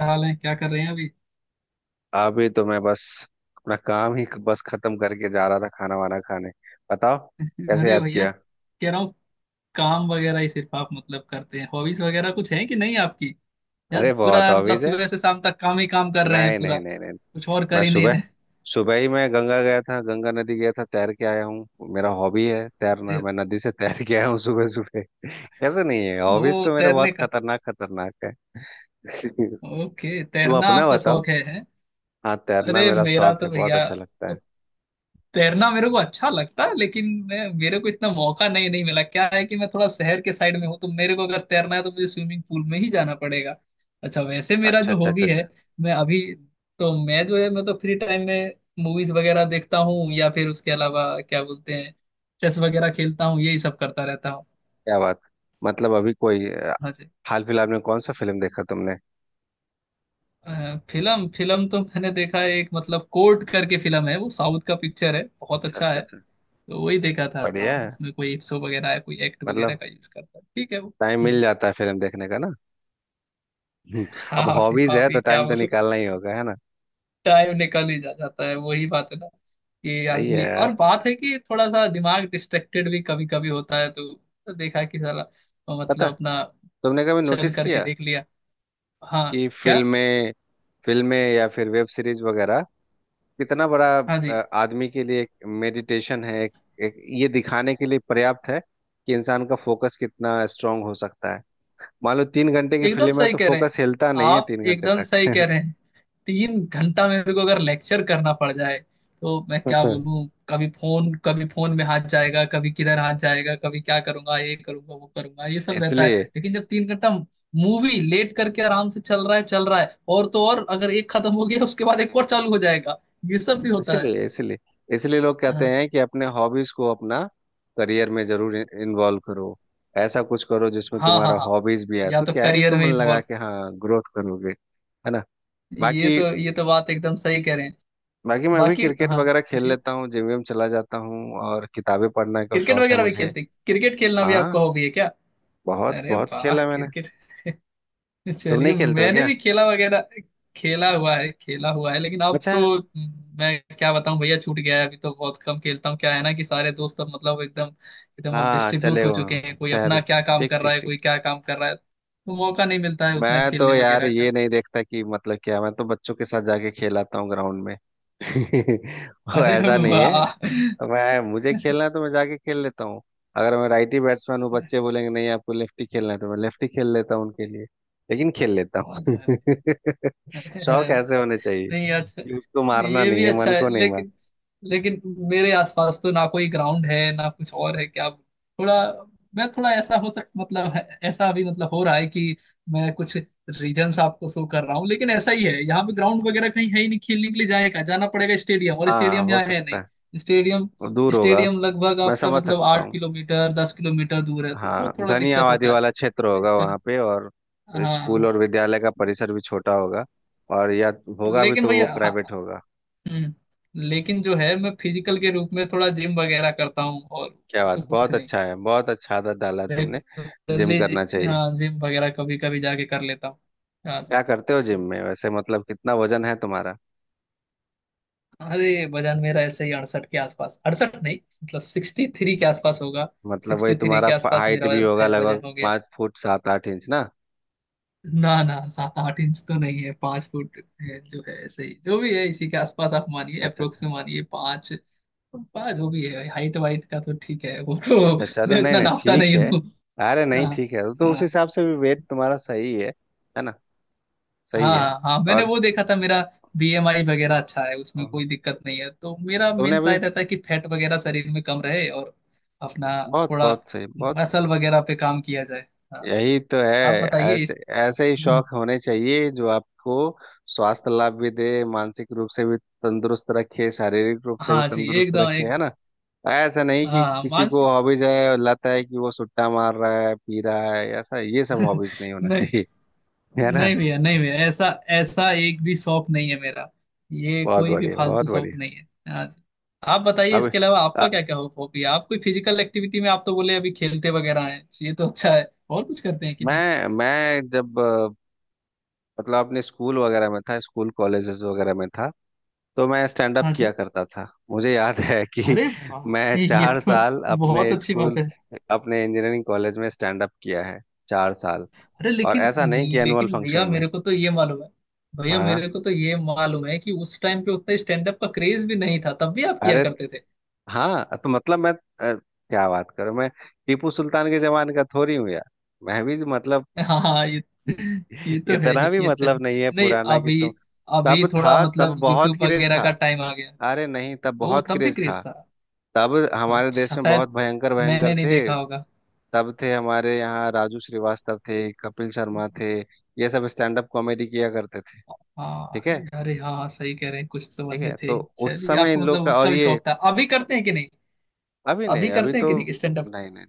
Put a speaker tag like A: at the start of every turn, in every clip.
A: हाल है क्या कर रहे हैं अभी।
B: अभी तो मैं बस अपना काम ही बस खत्म करके जा रहा था, खाना वाना खाने। बताओ, कैसे
A: अरे
B: याद
A: भैया
B: किया?
A: कह रहा हूँ। काम वगैरह ही सिर्फ आप मतलब करते हैं, हॉबीज वगैरह कुछ है कि नहीं आपकी? या
B: अरे बहुत
A: पूरा मतलब
B: ऑब्वियस है।
A: सुबह से शाम तक काम ही काम कर रहे हैं,
B: नहीं
A: पूरा
B: नहीं नहीं नहीं,
A: कुछ और
B: मैं
A: कर ही नहीं
B: सुबह
A: रहे?
B: सुबह ही मैं गंगा गया था, गंगा नदी गया था, तैर के आया हूँ। मेरा हॉबी है तैरना,
A: अरे,
B: मैं नदी से तैर के आया हूँ सुबह सुबह। कैसे नहीं है हॉबीज?
A: ओ
B: तो मेरे
A: तैरने
B: बहुत
A: का।
B: खतरनाक खतरनाक है।
A: ओके,
B: तुम
A: तैरना
B: अपना
A: आपका
B: बताओ।
A: शौक है, है?
B: हाँ, तैरना
A: अरे
B: मेरा
A: मेरा
B: शौक
A: तो
B: है, बहुत
A: भैया,
B: अच्छा लगता
A: वो,
B: है।
A: तैरना मेरे को अच्छा लगता है लेकिन मैं मेरे को इतना मौका नहीं नहीं मिला। क्या है कि मैं थोड़ा शहर के साइड में हूँ, तो मेरे को अगर तैरना है तो मुझे स्विमिंग पूल में ही जाना पड़ेगा। अच्छा, वैसे मेरा
B: अच्छा
A: जो
B: अच्छा अच्छा
A: हॉबी
B: अच्छा।
A: है, मैं अभी तो मैं जो है मैं तो फ्री टाइम में मूवीज वगैरह देखता हूँ, या फिर उसके अलावा क्या बोलते हैं, चेस वगैरह खेलता हूँ, यही सब करता रहता हूँ।
B: क्या बात। मतलब अभी कोई
A: हाँ जी।
B: हाल फिलहाल में कौन सा फिल्म देखा तुमने?
A: फिल्म फिल्म तो मैंने देखा है एक, मतलब कोर्ट करके फिल्म है, वो साउथ का पिक्चर है, बहुत
B: अच्छा
A: अच्छा
B: अच्छा
A: है।
B: अच्छा।
A: तो वही देखा था।
B: बढ़िया है।
A: उसमें कोई इप्सो वगैरह है, कोई एक्ट वगैरह
B: मतलब
A: का यूज करता है, ठीक है वो।
B: टाइम
A: हम्म।
B: मिल जाता है फिल्म देखने का ना। हम्म। अब
A: हाँ भी
B: हॉबीज
A: हाँ
B: है
A: भी,
B: तो
A: क्या
B: टाइम तो
A: बोलूं।
B: निकालना ही होगा, है ना?
A: टाइम निकल ही जा जाता है, वही बात है ना कि
B: सही है
A: आदमी, और
B: यार।
A: बात है कि थोड़ा सा दिमाग डिस्ट्रैक्टेड भी कभी कभी होता है तो देखा कि साला तो
B: पता,
A: मतलब अपना
B: तुमने कभी
A: चल
B: नोटिस
A: करके
B: किया
A: देख लिया। हाँ
B: कि
A: क्या।
B: फिल्में फिल्में या फिर वेब सीरीज वगैरह कितना बड़ा
A: हाँ जी,
B: आदमी के लिए एक मेडिटेशन है, एक ये दिखाने के लिए पर्याप्त है कि इंसान का फोकस कितना स्ट्रांग हो सकता है। मान लो 3 घंटे की
A: एकदम
B: फिल्म है
A: सही
B: तो
A: कह रहे हैं।
B: फोकस हिलता नहीं है
A: आप
B: तीन घंटे
A: एकदम सही
B: तक
A: कह रहे हैं। 3 घंटा मेरे को अगर लेक्चर करना पड़ जाए तो मैं क्या बोलूं, कभी फोन में हाथ जाएगा, कभी किधर हाथ जाएगा, कभी क्या करूंगा, ये करूंगा, वो करूंगा, ये सब रहता है।
B: इसलिए
A: लेकिन जब 3 घंटा मूवी लेट करके आराम से चल रहा है चल रहा है, और तो और अगर एक खत्म हो गया उसके बाद एक और चालू हो जाएगा, ये सब भी होता है।
B: इसलिए इसलिए इसलिए लोग कहते
A: हाँ
B: हैं कि अपने हॉबीज को अपना करियर में जरूर इन्वॉल्व करो। ऐसा कुछ करो जिसमें
A: हाँ हाँ
B: तुम्हारा
A: हाँ।
B: हॉबीज भी है,
A: या
B: तो
A: तो
B: क्या है,
A: करियर
B: तुम
A: में
B: मन लगा
A: इन्वॉल्व,
B: के हाँ ग्रोथ करोगे, है ना?
A: ये
B: बाकी
A: तो ये तो बात एकदम सही कह रहे हैं।
B: बाकी मैं भी
A: बाकी
B: क्रिकेट
A: हाँ
B: वगैरह खेल
A: पूछिए।
B: लेता हूँ, जिम विम चला जाता हूँ, और किताबें पढ़ने का शौक है मुझे।
A: क्रिकेट खेलना भी आपका
B: हाँ,
A: हॉबी है क्या?
B: बहुत
A: अरे
B: बहुत
A: वाह
B: खेला मैंने।
A: क्रिकेट।
B: तुम
A: चलिए,
B: नहीं खेलते हो
A: मैंने
B: क्या?
A: भी खेला वगैरह। खेला हुआ है खेला हुआ है, लेकिन अब
B: अच्छा।
A: तो मैं क्या बताऊं भैया, छूट गया है। अभी तो बहुत कम खेलता हूँ। क्या है ना कि सारे दोस्त अब मतलब एकदम एकदम अब
B: हाँ,
A: डिस्ट्रीब्यूट
B: चले
A: हो
B: गए
A: चुके
B: हो
A: हैं, कोई
B: शहर।
A: अपना क्या काम
B: ठीक
A: कर रहा
B: ठीक
A: है,
B: ठीक।
A: कोई क्या काम कर रहा है, तो मौका नहीं मिलता है उतना
B: मैं तो
A: खेलने
B: यार
A: वगैरह
B: ये
A: का।
B: नहीं देखता कि मतलब क्या, मैं तो बच्चों के साथ जाके खेलाता हूँ ग्राउंड में। वो
A: अरे
B: ऐसा नहीं है,
A: वाह।
B: तो मैं, मुझे
A: अरे,
B: खेलना है तो मैं जाके खेल लेता हूँ। अगर मैं राइट ही बैट्समैन हूँ, बच्चे बोलेंगे नहीं आपको लेफ्ट ही खेलना है, तो मैं लेफ्ट ही खेल लेता हूँ उनके लिए, लेकिन खेल लेता हूँ। शौक
A: अरे,
B: ऐसे होने चाहिए
A: नहीं अच्छा।
B: कि उसको मारना
A: ये
B: नहीं
A: भी
B: है,
A: अच्छा
B: मन
A: है,
B: को नहीं मार।
A: लेकिन लेकिन मेरे आसपास तो ना कोई ग्राउंड है, ना कुछ और है, क्या थोड़ा, मैं थोड़ा ऐसा हो सक मतलब ऐसा अभी मतलब हो रहा है कि मैं कुछ रीजंस आपको शो कर रहा हूँ, लेकिन ऐसा ही है यहाँ पे ग्राउंड वगैरह कहीं है ही नहीं। खेलने के लिए जाएगा, जाना पड़ेगा स्टेडियम, और
B: हाँ
A: स्टेडियम
B: हो
A: यहाँ है
B: सकता है,
A: नहीं स्टेडियम।
B: वो दूर होगा।
A: स्टेडियम लगभग
B: मैं
A: आपका
B: समझ
A: मतलब
B: सकता
A: आठ
B: हूँ।
A: किलोमीटर 10 किलोमीटर दूर है, तो
B: हाँ,
A: वो थोड़ा
B: घनी
A: दिक्कत
B: आबादी
A: होता है।
B: वाला क्षेत्र होगा वहाँ पे, और स्कूल
A: हाँ,
B: और विद्यालय का परिसर भी छोटा होगा, और या होगा भी
A: लेकिन
B: तो वो
A: भैया हाँ,
B: प्राइवेट होगा।
A: हम्म। लेकिन जो है, मैं फिजिकल के रूप में थोड़ा जिम वगैरह करता हूँ, और,
B: क्या
A: और
B: बात,
A: तो कुछ
B: बहुत
A: नहीं।
B: अच्छा है, बहुत अच्छा आदत डाला है तुमने। जिम
A: रेगुलरली
B: करना चाहिए।
A: हाँ, जिम वगैरह कभी कभी जाके कर लेता हूँ। हाँ
B: क्या
A: जी।
B: करते हो जिम में वैसे, मतलब कितना वजन है तुम्हारा?
A: अरे वजन मेरा ऐसे ही 68 के आसपास, 68 नहीं, मतलब 63 के आसपास होगा।
B: मतलब वही
A: 63
B: तुम्हारा
A: के आसपास
B: हाइट
A: मेरा
B: भी
A: वजन
B: होगा
A: है, वजन
B: लगभग,
A: हो गया।
B: 5 फुट 7-8 इंच ना?
A: ना ना, 7-8 इंच तो नहीं है, 5 फुट है जो है, ऐसे ही जो भी है इसी के आसपास आप मानिए,
B: अच्छा
A: अप्रोक्स
B: अच्छा
A: में मानिए, पाँच पाँच, जो भी है हाइट वाइट का तो ठीक है वो तो।
B: अच्छा। अच्छा चलो,
A: मैं
B: नहीं
A: उतना
B: नहीं
A: नापता
B: ठीक
A: नहीं।
B: है। अरे नहीं
A: हाँ
B: ठीक है, तो
A: हाँ
B: उस हिसाब से भी वेट तुम्हारा सही है ना? सही है।
A: हाँ हाँ, मैंने
B: और
A: वो देखा था, मेरा बीएमआई वगैरह अच्छा है, उसमें कोई दिक्कत नहीं है। तो मेरा
B: तुमने
A: मेन
B: अभी,
A: ट्राई रहता है कि फैट वगैरह शरीर में कम रहे, और अपना
B: बहुत
A: थोड़ा
B: बहुत सही, बहुत,
A: मसल वगैरह पे काम किया जाए। हाँ,
B: यही तो है।
A: आप बताइए
B: ऐसे,
A: इस,
B: ऐसे ही
A: हम्म,
B: शौक होने चाहिए जो आपको स्वास्थ्य लाभ भी दे, मानसिक रूप से भी तंदुरुस्त रखे, शारीरिक रूप से भी
A: हाँ जी,
B: तंदुरुस्त
A: एकदम
B: रखे, है
A: एकदम।
B: ना? ऐसा नहीं कि
A: हाँ हाँ,
B: किसी को
A: मानसिक,
B: हॉबीज है और लत है कि वो सुट्टा मार रहा है, पी रहा है, ऐसा, ये सब हॉबीज नहीं होना
A: नहीं,
B: चाहिए। है ना?
A: नहीं भैया, नहीं भैया, ऐसा ऐसा एक भी शौक नहीं है मेरा। ये
B: बहुत
A: कोई भी
B: बढ़िया, बहुत
A: फालतू शौक
B: बढ़िया।
A: नहीं है, हाँ जी। आप बताइए
B: अब
A: इसके अलावा आपका
B: अ,
A: क्या क्या हॉबी है, आप कोई फिजिकल एक्टिविटी में, आप तो बोले अभी खेलते वगैरह हैं, ये तो अच्छा है, और कुछ करते हैं कि नहीं?
B: मैं जब मतलब अपने स्कूल वगैरह में था, स्कूल कॉलेजेस वगैरह में था, तो मैं स्टैंड अप
A: हाँ
B: किया
A: जी।
B: करता था। मुझे याद है कि
A: अरे वाह,
B: मैं
A: ये
B: चार
A: तो
B: साल
A: बहुत
B: अपने
A: अच्छी बात
B: स्कूल
A: है।
B: अपने इंजीनियरिंग कॉलेज में स्टैंड अप किया है 4 साल।
A: अरे
B: और
A: लेकिन
B: ऐसा नहीं कि एनुअल
A: लेकिन
B: फंक्शन में।
A: भैया
B: हाँ
A: मेरे को तो ये मालूम है कि उस टाइम पे उतना स्टैंड अप का क्रेज भी नहीं था, तब भी आप किया
B: अरे
A: करते थे।
B: हाँ, तो मतलब क्या बात करूं मैं, टीपू सुल्तान के जमाने का थोड़ी हूँ यार, मैं भी मतलब,
A: हाँ हाँ, ये तो है
B: इतना
A: ही,
B: भी
A: ये तो
B: मतलब
A: है।
B: नहीं है
A: नहीं,
B: पुराना कि
A: अभी
B: तुम,
A: अभी
B: तब
A: थोड़ा
B: था, तब
A: मतलब
B: बहुत
A: यूट्यूब
B: क्रेज
A: वगैरह
B: था।
A: का टाइम आ गया।
B: अरे नहीं, तब
A: ओ,
B: बहुत
A: तब भी
B: क्रेज
A: क्रेज
B: था।
A: था।
B: तब
A: हाँ
B: हमारे देश में बहुत
A: शायद
B: भयंकर भयंकर
A: मैंने नहीं
B: थे।
A: देखा होगा।
B: तब थे हमारे यहाँ, राजू श्रीवास्तव थे, कपिल शर्मा थे, ये सब स्टैंड अप कॉमेडी किया करते थे।
A: हाँ
B: ठीक है,
A: अरे हाँ हाँ, सही कह रहे हैं, कुछ तो
B: ठीक
A: बंदे
B: है,
A: थे।
B: तो उस
A: चलिए,
B: समय
A: आपको
B: इन लोग
A: मतलब
B: का और
A: उसका भी
B: ये,
A: शौक था, अभी करते हैं कि नहीं,
B: अभी
A: अभी
B: नहीं, अभी
A: करते हैं
B: तो
A: कि नहीं स्टैंड अप?
B: नहीं नहीं,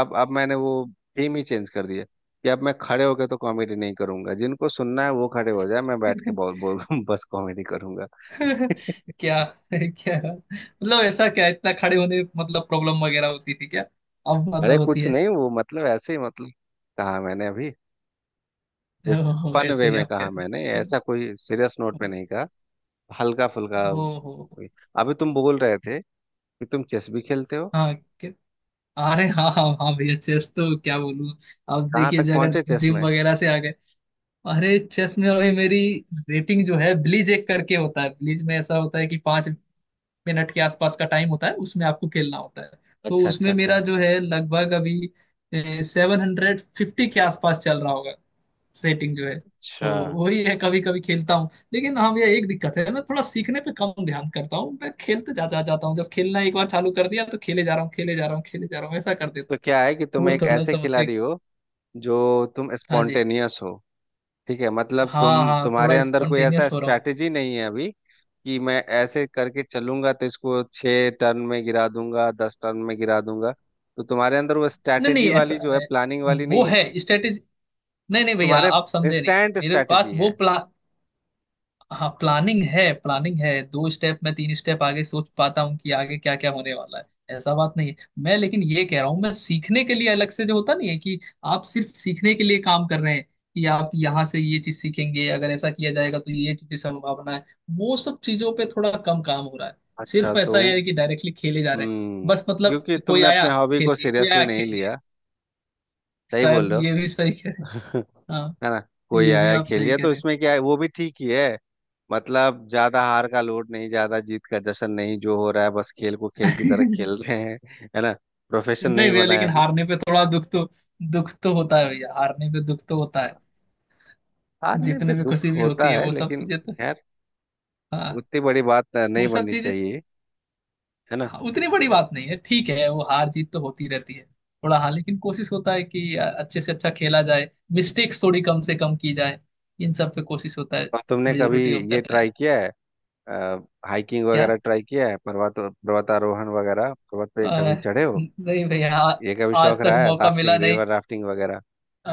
B: अब मैंने वो थीम ही चेंज कर दिया कि अब मैं खड़े होकर तो कॉमेडी नहीं करूंगा, जिनको सुनना है वो खड़े हो जाए, मैं बैठ के बोल बोल बस कॉमेडी करूंगा।
A: क्या क्या मतलब ऐसा, क्या इतना खड़े होने में मतलब प्रॉब्लम वगैरह होती थी क्या? अब
B: अरे
A: मतलब होती
B: कुछ
A: है?
B: नहीं, वो मतलब ऐसे ही मतलब, कहा मैंने अभी,
A: ओहो,
B: फन
A: ऐसे
B: वे
A: ही
B: में
A: आप कह
B: कहा मैंने,
A: रहे हैं।
B: ऐसा कोई सीरियस नोट पे नहीं कहा, हल्का फुल्का।
A: ओ,
B: अभी तुम बोल रहे थे कि तुम चेस भी खेलते हो,
A: हाँ कि- अरे हाँ हाँ हाँ भैया, चेस तो क्या बोलूँ, अब
B: कहाँ
A: देखिए
B: तक
A: जो अगर
B: पहुंचे चेस
A: जिम
B: में?
A: वगैरह से आ गए। अरे चेस में अभी मेरी रेटिंग जो है ब्लीज एक करके होता है, ब्लीज में ऐसा होता है कि 5 मिनट के आसपास का टाइम होता है, उसमें आपको खेलना होता है। तो
B: अच्छा
A: उसमें
B: अच्छा
A: मेरा
B: अच्छा
A: जो है लगभग अभी 750 के आसपास चल रहा होगा, सेटिंग जो है। तो
B: अच्छा।
A: वही है, कभी कभी खेलता हूँ, लेकिन हाँ भैया एक दिक्कत है, मैं थोड़ा सीखने पे कम ध्यान करता हूँ। मैं खेलते जा जा जाता हूँ, जब खेलना एक बार चालू कर दिया तो खेले जा रहा हूँ, खेले जा रहा हूँ, खेले जा रहा हूँ, ऐसा कर देता
B: तो क्या है कि
A: हूँ,
B: तुम
A: वो
B: एक
A: थोड़ा
B: ऐसे
A: समस्या।
B: खिलाड़ी हो जो, तुम
A: हाँ जी।
B: स्पॉन्टेनियस हो। ठीक है, मतलब
A: हाँ हाँ,
B: तुम्हारे
A: थोड़ा
B: अंदर कोई ऐसा
A: स्पॉन्टेनियस हो रहा हूँ मैं।
B: स्ट्रैटेजी नहीं है अभी कि मैं ऐसे करके चलूंगा तो इसको 6 टर्न में गिरा दूंगा, 10 टर्न में गिरा दूंगा। तो तुम्हारे अंदर वो
A: नहीं नहीं
B: स्ट्रैटेजी
A: ऐसा
B: वाली जो है,
A: है,
B: प्लानिंग वाली
A: वो
B: नहीं है,
A: है स्ट्रेटेजी, नहीं नहीं भैया,
B: तुम्हारे
A: आप समझे नहीं,
B: इंस्टेंट
A: मेरे पास
B: स्ट्रैटेजी
A: वो
B: है।
A: प्लान, हाँ, प्लानिंग है, प्लानिंग है, दो स्टेप, मैं तीन स्टेप आगे सोच पाता हूँ कि आगे क्या क्या होने वाला है, ऐसा बात नहीं है मैं। लेकिन ये कह रहा हूँ मैं, सीखने के लिए अलग से जो होता नहीं है कि आप सिर्फ सीखने के लिए काम कर रहे हैं कि आप यहाँ से ये चीज सीखेंगे, अगर ऐसा किया जाएगा तो ये चीज की संभावना है, वो सब चीजों पे थोड़ा कम काम हो रहा है।
B: अच्छा
A: सिर्फ
B: तो
A: ऐसा है कि डायरेक्टली खेले जा रहे हैं
B: हम्म,
A: बस, मतलब
B: क्योंकि
A: कोई
B: तुमने अपने
A: आया
B: हॉबी
A: खेल
B: को
A: लिए, कोई
B: सीरियसली
A: आया
B: नहीं
A: खेल लिए।
B: लिया। सही
A: शायद
B: बोल रहे
A: ये भी सही कह रहे हैं।
B: हो।
A: हाँ,
B: है ना? कोई
A: ये भी
B: आया
A: आप
B: खेल
A: सही
B: लिया
A: कह
B: तो
A: रहे
B: इसमें क्या है, वो भी ठीक ही है। मतलब ज्यादा हार का लोड नहीं, ज्यादा जीत का जश्न नहीं, जो हो रहा है बस खेल को खेल की तरह
A: हैं।
B: खेल रहे हैं। है ना? प्रोफेशन
A: नहीं
B: नहीं
A: भैया,
B: बनाया
A: लेकिन
B: अभी।
A: हारने पे थोड़ा दुख तो होता है भैया, हारने पे दुख तो होता है।
B: हारने पे
A: जीतने पे खुशी
B: दुख
A: भी
B: होता
A: होती है,
B: है,
A: वो सब
B: लेकिन
A: चीजें तो।
B: खैर
A: हाँ,
B: उतनी बड़ी बात
A: वो
B: नहीं
A: सब
B: बननी
A: चीजें।
B: चाहिए। है ना?
A: हाँ, उतनी बड़ी बात नहीं है, ठीक है, वो हार जीत तो होती रहती है। थोड़ा हाँ, लेकिन कोशिश होता है कि अच्छे से अच्छा खेला जाए, मिस्टेक्स थोड़ी कम से कम की जाए, इन सब पे कोशिश होता है,
B: और तुमने कभी
A: मेजोरिटी ऑफ
B: ये
A: द टाइम।
B: ट्राई किया है, हाइकिंग
A: क्या,
B: वगैरह ट्राई किया है, पर्वत, पर्वतारोहण वगैरह, पर्वत
A: अ,
B: पे कभी चढ़े हो?
A: नहीं भैया
B: ये कभी
A: आज
B: शौक
A: तक
B: रहा है,
A: मौका मिला
B: राफ्टिंग,
A: नहीं।
B: रिवर राफ्टिंग वगैरह?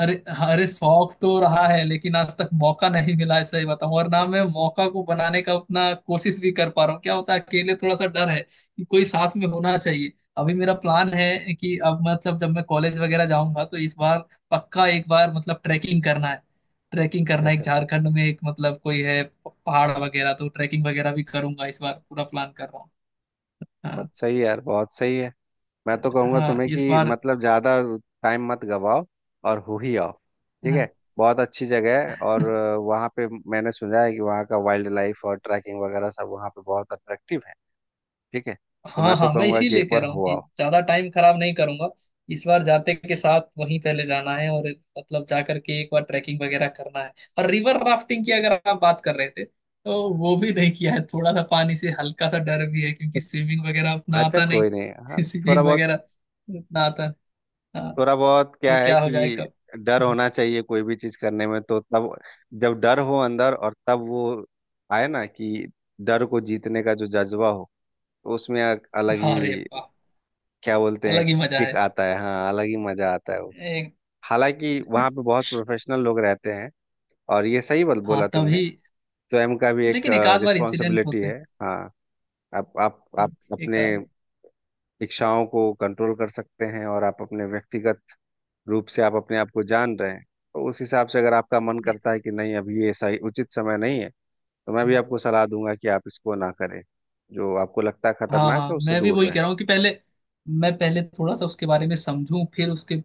A: अरे, अरे शौक तो रहा है, लेकिन आज तक मौका नहीं मिला है, सही बताऊं, और ना मैं मौका को बनाने का उतना कोशिश भी कर पा रहा हूँ। क्या होता है, अकेले थोड़ा सा डर है कि कोई साथ में होना चाहिए। अभी मेरा प्लान है कि अब मतलब जब मैं कॉलेज वगैरह जाऊंगा तो इस बार पक्का एक बार मतलब ट्रैकिंग करना है, ट्रैकिंग करना है, एक
B: अच्छा अच्छा अच्छा।
A: झारखंड में एक मतलब कोई है पहाड़ वगैरह, तो ट्रैकिंग वगैरह भी करूंगा इस बार, पूरा प्लान कर रहा हूँ। हाँ
B: बहुत सही है यार, बहुत सही है। मैं तो कहूंगा
A: हाँ,
B: तुम्हें
A: इस
B: कि
A: बार।
B: मतलब ज्यादा टाइम मत गवाओ, और हो ही आओ। ठीक है,
A: हाँ
B: बहुत अच्छी जगह है, और वहाँ पे मैंने सुना है कि वहाँ का वाइल्ड लाइफ और ट्रैकिंग वगैरह सब वहाँ पे बहुत अट्रैक्टिव है। ठीक है, तो
A: हाँ
B: मैं तो
A: हाँ, मैं
B: कहूंगा कि एक
A: इसीलिए कह
B: बार
A: रहा हूँ
B: हो
A: कि
B: आओ।
A: ज्यादा टाइम खराब नहीं करूंगा, इस बार जाते के साथ वहीं पहले जाना है, और मतलब जाकर के एक बार ट्रैकिंग वगैरह करना है। और रिवर राफ्टिंग की अगर आप बात कर रहे थे, तो वो भी नहीं किया है, थोड़ा सा पानी से हल्का सा डर भी है, क्योंकि स्विमिंग वगैरह उतना
B: अच्छा
A: आता नहीं।
B: कोई नहीं, हाँ, थोड़ा
A: स्विमिंग
B: बहुत।
A: वगैरह उतना आता नहीं। हाँ,
B: थोड़ा बहुत क्या
A: कि
B: है
A: क्या हो जाए
B: कि
A: कब।
B: डर होना चाहिए कोई भी चीज करने में, तो तब जब डर हो अंदर, और तब वो आए ना कि डर को जीतने का जो जज्बा हो, तो उसमें एक अलग
A: हाँ, अरे
B: ही
A: वाह,
B: क्या बोलते हैं,
A: अलग ही मजा है,
B: किक आता है, हाँ, अलग ही मजा आता है वो।
A: एक,
B: हालांकि वहाँ पे बहुत प्रोफेशनल लोग रहते हैं, और ये सही बल
A: हाँ
B: बोला तुमने,
A: तभी,
B: स्वयं का भी एक
A: लेकिन एक आध बार इंसिडेंट
B: रिस्पॉन्सिबिलिटी
A: होते
B: है। हाँ, आप आप
A: हैं,
B: आप
A: एक
B: अपने इच्छाओं को कंट्रोल कर सकते हैं, और आप अपने व्यक्तिगत रूप से आप अपने आप को जान रहे हैं, तो उस हिसाब से अगर आपका मन करता है कि नहीं अभी ये सही उचित समय नहीं है, तो मैं
A: आध।
B: भी आपको सलाह दूंगा कि आप इसको ना करें। जो आपको लगता है
A: हाँ
B: खतरनाक
A: हाँ,
B: है उससे
A: मैं भी
B: दूर
A: वही कह
B: रहें।
A: रहा हूँ कि पहले मैं पहले थोड़ा सा उसके बारे में समझूं, फिर उसके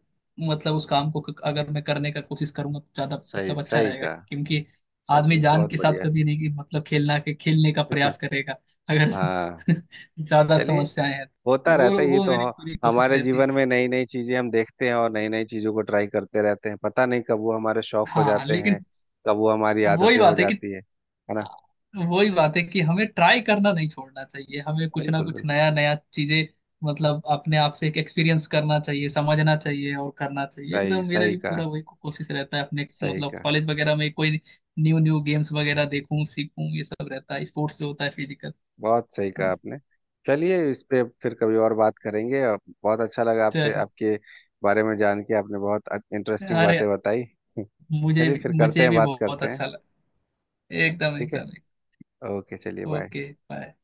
A: मतलब उस काम को अगर मैं करने का कोशिश करूंगा तो ज्यादा
B: सही
A: मतलब अच्छा
B: सही
A: रहेगा,
B: कहा।
A: क्योंकि आदमी
B: चलिए
A: जान
B: बहुत
A: के साथ
B: बढ़िया।
A: कभी नहीं कि मतलब खेलना के खेलने का प्रयास करेगा। अगर
B: हाँ
A: ज्यादा
B: चलिए।
A: समस्याएं हैं तो
B: होता
A: वो
B: रहता है ये
A: वो
B: तो,
A: मेरी पूरी कोशिश
B: हमारे
A: रहती है।
B: जीवन में नई नई चीजें हम देखते हैं और नई नई चीजों को ट्राई करते रहते हैं। पता नहीं कब वो हमारे शौक हो
A: हाँ,
B: जाते हैं,
A: लेकिन
B: कब वो हमारी
A: वही
B: आदतें हो
A: बात है कि
B: जाती है ना?
A: वही बात है कि हमें ट्राई करना नहीं छोड़ना चाहिए, हमें कुछ ना
B: बिल्कुल
A: कुछ
B: बिल्कुल।
A: नया नया चीजें मतलब अपने आप से एक एक्सपीरियंस करना चाहिए, समझना चाहिए, और करना चाहिए।
B: सही
A: एकदम मेरा
B: सही
A: भी
B: कहा,
A: पूरा वही कोशिश रहता है, अपने
B: सही
A: मतलब
B: कहा।
A: कॉलेज वगैरह में कोई न्यू न्यू गेम्स वगैरह देखूं, सीखूं, ये सब रहता है, स्पोर्ट्स जो होता है, फिजिकल।
B: बहुत सही
A: हाँ
B: कहा
A: जी।
B: आपने। चलिए, इस पे फिर कभी और बात करेंगे। और बहुत अच्छा लगा आपसे,
A: चलिए।
B: आपके बारे में जान के। आपने बहुत इंटरेस्टिंग
A: अरे,
B: बातें बताई। चलिए, फिर करते
A: मुझे
B: हैं,
A: भी
B: बात
A: बहुत
B: करते हैं।
A: अच्छा लगा, एकदम
B: ठीक है,
A: एकदम।
B: ओके चलिए, बाय।
A: Okay bye.